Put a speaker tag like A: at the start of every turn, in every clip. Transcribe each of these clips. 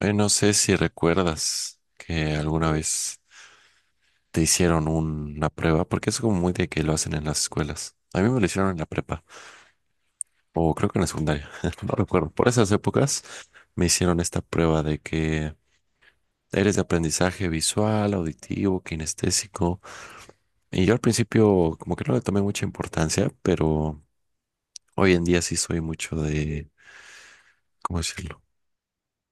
A: No sé si recuerdas que alguna vez te hicieron una prueba, porque es como muy de que lo hacen en las escuelas. A mí me lo hicieron en la prepa, o creo que en la secundaria, no recuerdo. Por esas épocas me hicieron esta prueba de que eres de aprendizaje visual, auditivo, kinestésico. Y yo al principio como que no le tomé mucha importancia, pero hoy en día sí soy mucho de, ¿cómo decirlo?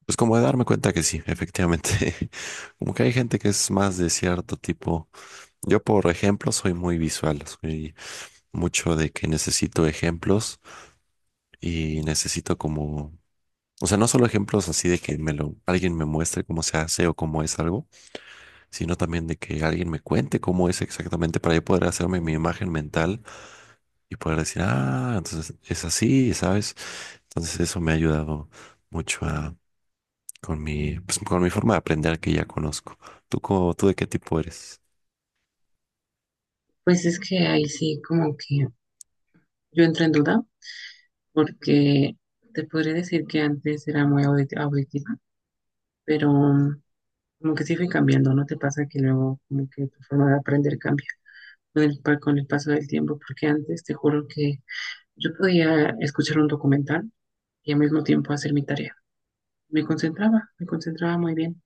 A: Pues como de darme cuenta que sí, efectivamente. Como que hay gente que es más de cierto tipo. Yo, por ejemplo, soy muy visual, soy mucho de que necesito ejemplos y necesito como, o sea, no solo ejemplos así de que alguien me muestre cómo se hace o cómo es algo, sino también de que alguien me cuente cómo es exactamente para yo poder hacerme mi imagen mental y poder decir, ah, entonces es así, ¿sabes? Entonces eso me ha ayudado mucho pues, con mi forma de aprender que ya conozco. ¿Tú, tú de qué tipo eres?
B: Pues es que ahí sí como que yo entro en duda porque te podría decir que antes era muy auditiva, pero como que sí fui cambiando. ¿No te pasa que luego como que tu forma de aprender cambia con el paso del tiempo? Porque antes te juro que yo podía escuchar un documental y al mismo tiempo hacer mi tarea. Me concentraba muy bien.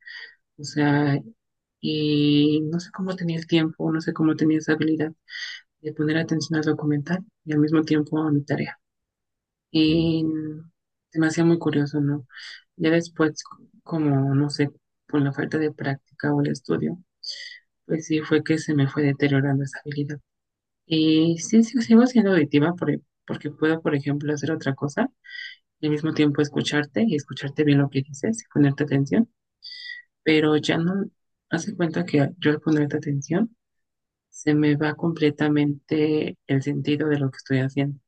B: O sea, y no sé cómo tenía el tiempo, no sé cómo tenía esa habilidad de poner atención al documental y al mismo tiempo a mi tarea.
A: Mm.
B: Y se me hacía muy curioso, ¿no? Ya después, como, no sé, por la falta de práctica o el estudio, pues sí fue que se me fue deteriorando esa habilidad. Y sí, sí, sigo siendo auditiva porque puedo, por ejemplo, hacer otra cosa y al mismo tiempo escucharte y escucharte bien lo que dices y ponerte atención, pero ya no. Hace cuenta que yo al ponerte atención se me va completamente el sentido de lo que estoy haciendo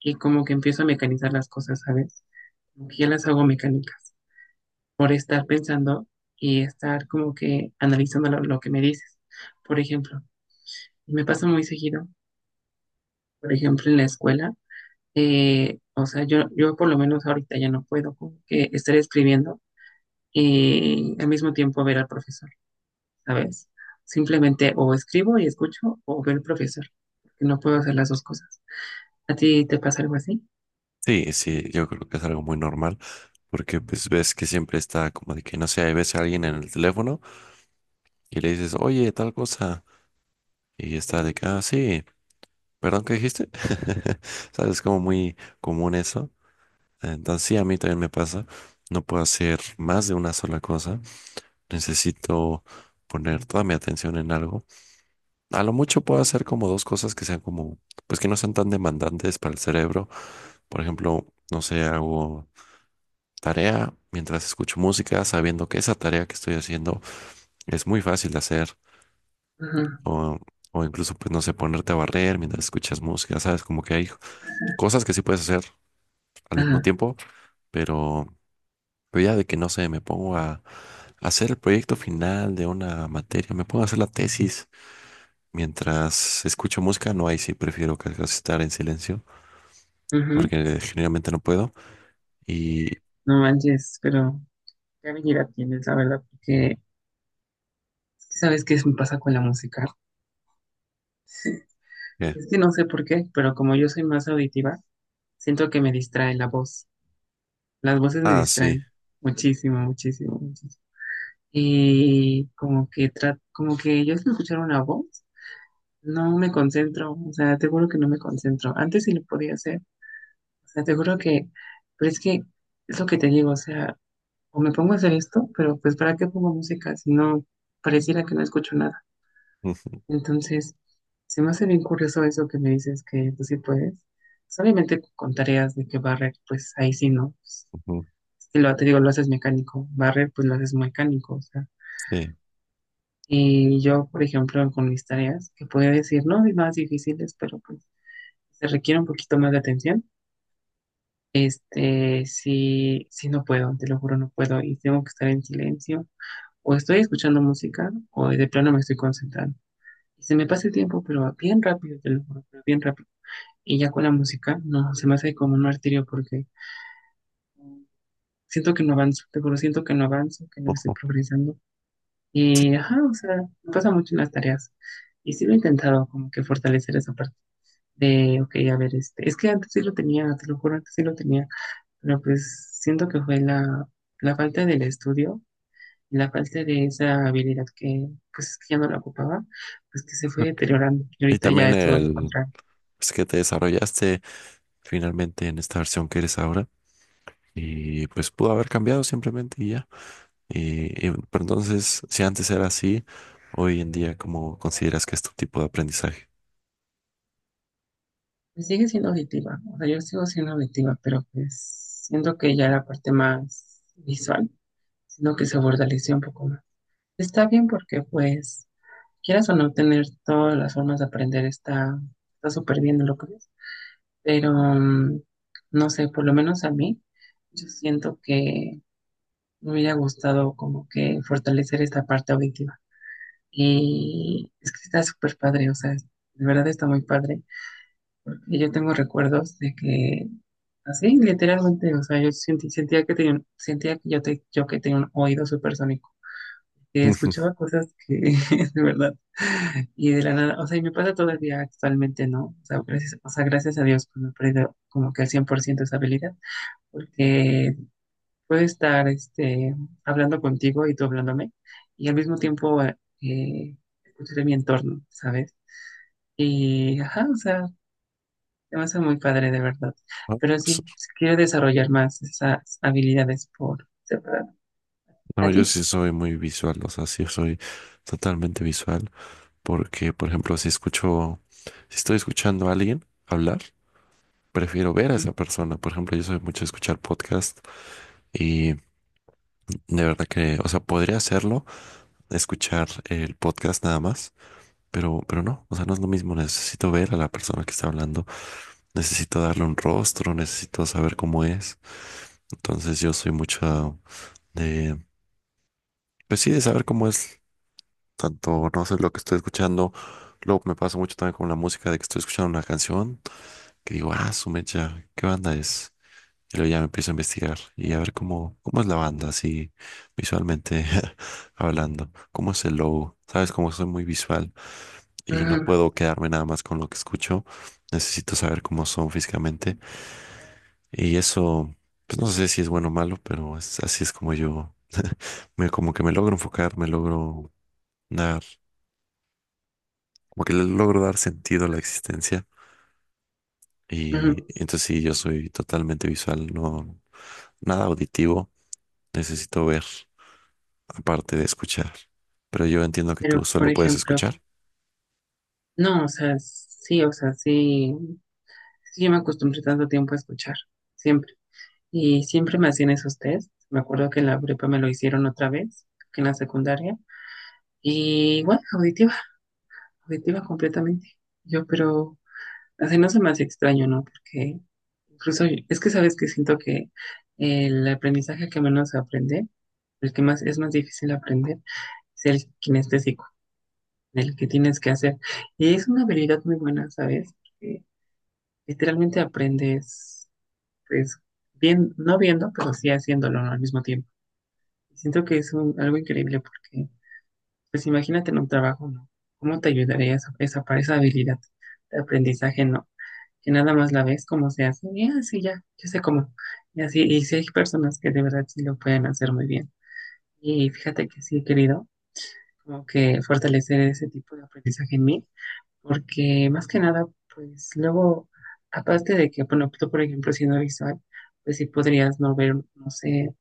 B: y como que empiezo a mecanizar las cosas, ¿sabes? Como que ya las hago mecánicas por estar pensando y estar como que analizando lo que me dices. Por ejemplo, me pasa muy seguido, por ejemplo, en la escuela, o sea, yo por lo menos ahorita ya no puedo como que estar escribiendo y al mismo tiempo ver al profesor. ¿Sabes? Simplemente o escribo y escucho o veo al profesor, porque no puedo hacer las dos cosas. ¿A ti te pasa algo así?
A: Sí, sí, yo creo que es algo muy normal. Porque pues ves que siempre está como de que no sé, ves a alguien en el teléfono y le dices, oye, tal cosa. Y está de que, ah, sí, perdón, ¿qué dijiste? ¿Sabes? Como muy común eso. Entonces sí, a mí también me pasa. No puedo hacer más de una sola cosa. Necesito poner toda mi atención en algo. A lo mucho puedo hacer como dos cosas que sean como, pues que no sean tan demandantes para el cerebro. Por ejemplo, no sé, hago tarea mientras escucho música, sabiendo que esa tarea que estoy haciendo es muy fácil de hacer.
B: Ajá,
A: O, o incluso, pues, no sé, ponerte a barrer mientras escuchas música, ¿sabes? Como que hay cosas que sí puedes hacer al
B: ajá,
A: mismo tiempo, pero, pero ya de que no sé, me pongo a hacer el proyecto final de una materia, me pongo a hacer la tesis mientras escucho música, no, ahí sí prefiero casi estar en silencio,
B: ujú.
A: porque generalmente no puedo. Y,
B: No manches, pero qué habilidad tienes, la verdad, porque es que sabes me pasa con la música.
A: ¿qué?
B: Es que no sé por qué, pero como yo soy más auditiva, siento que me distrae la voz. Las voces me
A: Ah, sí.
B: distraen muchísimo, muchísimo, muchísimo. Y como que como que yo sé escuchar una voz. No me concentro, o sea, te juro que no me concentro. Antes sí lo podía hacer, o sea, te juro que, pero es que es lo que te digo, o sea, o me pongo a hacer esto, pero pues ¿para qué pongo música si no pareciera que no escucho nada?
A: Ujú,
B: Entonces, se me hace bien curioso eso que me dices que tú sí puedes. Solamente con tareas de que barrer, pues ahí sí no. Pues,
A: ujú,
B: si lo te digo, lo haces mecánico, barrer, pues lo haces mecánico, o sea.
A: sí.
B: Y yo, por ejemplo, con mis tareas, que podía decir, no, es más difíciles, pero pues se requiere un poquito más de atención. Este, sí, sí no puedo, te lo juro, no puedo y tengo que estar en silencio o estoy escuchando música o de plano me estoy concentrando. Y se me pasa el tiempo, pero bien rápido, te lo juro, pero bien rápido. Y ya con la música, no, se me hace como un martirio porque siento que no avanzo, te juro, siento que no avanzo, que no estoy
A: Ujú,
B: progresando.
A: sí.
B: Y, ajá, o sea, me pasa mucho en las tareas. Y sí lo he intentado como que fortalecer esa parte de, ok, a ver, este, es que antes sí lo tenía, te lo juro, antes sí lo tenía. Pero pues siento que fue la falta del estudio, la falta de esa habilidad que pues que ya no la ocupaba, pues que se fue deteriorando y
A: Y
B: ahorita ya
A: también
B: es todo lo
A: el.
B: contrario.
A: Es que te desarrollaste finalmente en esta versión que eres ahora. Y pues pudo haber cambiado simplemente y ya. Pero entonces, si antes era así, hoy en día, ¿cómo consideras que es tu tipo de aprendizaje?
B: Pues sigue siendo auditiva, o sea, yo sigo siendo auditiva, pero pues siento que ya la parte más visual, sino que se fortaleció un poco más. Está bien porque pues quieras o no tener todas las formas de aprender está súper bien en lo que es, pero no sé, por lo menos a mí, yo siento que me hubiera gustado como que fortalecer esta parte auditiva. Y es que está súper padre, o sea, de verdad está muy padre. Y yo tengo recuerdos de que, así, literalmente, o sea, yo sentía que tenía, sentía que yo que tenía un oído supersónico, que
A: Ujú.
B: escuchaba cosas que, de verdad, y de la nada, o sea, y me pasa todavía actualmente, ¿no? O sea, gracias a Dios, pues, me he perdido como que al 100% esa habilidad, porque puedo estar este, hablando contigo y tú hablándome y al mismo tiempo escuchar mi entorno, ¿sabes? Y, ajá, o sea, te va muy padre de verdad.
A: Ah,
B: Pero
A: pues,
B: sí, sí quiero desarrollar más esas habilidades por separado.
A: no,
B: ¿A
A: yo
B: ti?
A: sí soy muy visual, o sea, sí soy totalmente visual, porque, por ejemplo, si escucho, si estoy escuchando a alguien hablar, prefiero ver a
B: Ujú,
A: esa persona. Por ejemplo, yo soy mucho de escuchar podcast y de verdad que, o sea, podría hacerlo, escuchar el podcast nada más. Pero no, o sea, no es lo mismo. Necesito ver a la persona que está hablando, necesito darle un rostro, necesito saber cómo es. Entonces yo soy mucho de, pues sí, de saber cómo es. Tanto no sé lo que estoy escuchando. Luego me pasa mucho también con la música de que estoy escuchando una canción que digo, ah, su mecha, ¿qué banda es? Y luego ya me empiezo a investigar y a ver cómo es la banda, así visualmente hablando, cómo es el logo. Sabes, como soy muy visual, y no puedo quedarme nada más con lo que escucho. Necesito saber cómo son físicamente. Y eso, pues no sé si es bueno o malo, pero así es como yo, como que me logro enfocar, dar, como que le logro dar sentido a la existencia. Y
B: ujú.
A: entonces sí, yo soy totalmente visual, no, nada auditivo. Necesito ver, aparte de escuchar. Pero yo entiendo que tú
B: Pero, por
A: solo puedes
B: ejemplo,
A: escuchar.
B: no, sí, yo me acostumbré tanto tiempo a escuchar, siempre. Y siempre me hacían esos test. Me acuerdo que en la prepa me lo hicieron otra vez, que en la secundaria. Y bueno, auditiva, auditiva completamente. Yo, pero así no se me hace extraño, ¿no? Porque incluso es que sabes que siento que el aprendizaje que menos se aprende, el que más es más difícil aprender, es el kinestésico, el que tienes que hacer. Y es una habilidad muy buena, ¿sabes? Porque literalmente aprendes, pues, bien, no viendo, pero sí haciéndolo, ¿no?, al mismo tiempo. Siento que es algo increíble porque pues imagínate en un trabajo, ¿no? ¿Cómo te ayudaría para esa habilidad de aprendizaje, no? Que nada más la ves cómo se hace, y así ya, yo sé cómo. Y así, y sí hay personas que de verdad sí lo pueden hacer muy bien. Y fíjate que sí he querido como que fortalecer ese tipo de aprendizaje en mí, porque más que nada, pues luego, aparte de que, bueno, tú por ejemplo siendo visual, pues sí podrías no ver, no sé,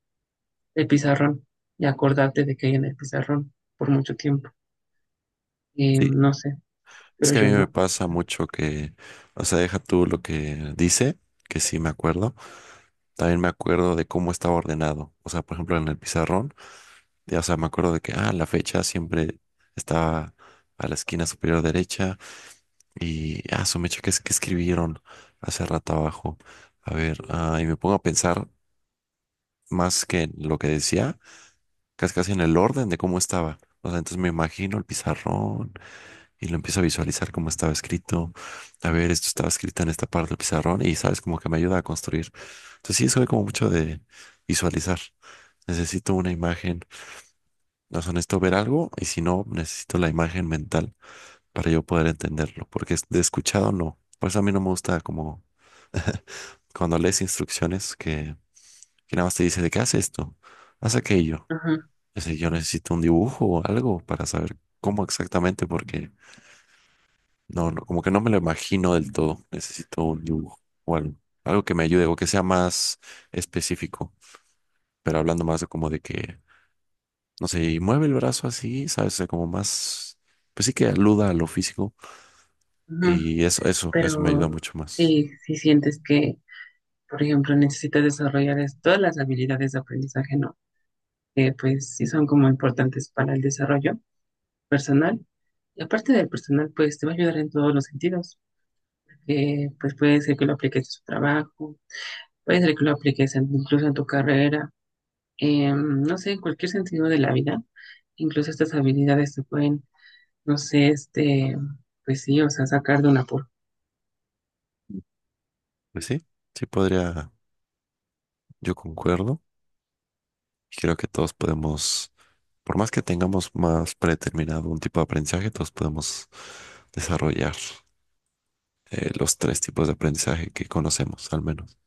B: el pizarrón y acordarte de que hay en el pizarrón por mucho tiempo.
A: Sí,
B: No sé,
A: es
B: pero
A: que a
B: yo
A: mí me
B: no.
A: pasa mucho que, o sea, deja tú lo que dice, que sí me acuerdo. También me acuerdo de cómo estaba ordenado. O sea, por ejemplo, en el pizarrón, ya, o sea, me acuerdo de que, ah, la fecha siempre estaba a la esquina superior derecha y, ah, su mecha, ¿qué es que escribieron hace rato abajo? A ver, ah, y me pongo a pensar más que en lo que decía, casi casi en el orden de cómo estaba. O sea, entonces me imagino el pizarrón y lo empiezo a visualizar como estaba escrito. A ver, esto estaba escrito en esta parte del pizarrón y sabes, como que me ayuda a construir. Entonces sí, soy como mucho de visualizar. Necesito una imagen, no sea, necesito ver algo y si no, necesito la imagen mental para yo poder entenderlo, porque de escuchado no. Por eso a mí no me gusta como cuando lees instrucciones que nada más te dice de qué haz esto, haz aquello.
B: Ajá,
A: Es decir, yo necesito un dibujo o algo para saber cómo exactamente, porque no, no, como que no me lo imagino del todo. Necesito un dibujo o algo, algo que me ayude o que sea más específico, pero hablando más de como de que, no sé, y mueve el brazo así, ¿sabes? O sea, como más, pues sí que aluda a lo físico
B: ajá.
A: y eso me ayuda
B: Pero
A: mucho más.
B: sí, si sientes que, por ejemplo, necesitas desarrollar todas las habilidades de aprendizaje, ¿no? Que pues sí son como importantes para el desarrollo personal. Y aparte del personal, pues te va a ayudar en todos los sentidos. Pues puede ser que lo apliques en su trabajo, puede ser que lo apliques incluso en tu carrera, no sé, en cualquier sentido de la vida. Incluso estas habilidades te pueden, no sé, este, pues sí, o sea, sacar de una
A: Pues sí, sí podría, yo concuerdo y creo que todos podemos, por más que tengamos más predeterminado un tipo de aprendizaje, todos podemos desarrollar los tres tipos de aprendizaje que conocemos, al menos.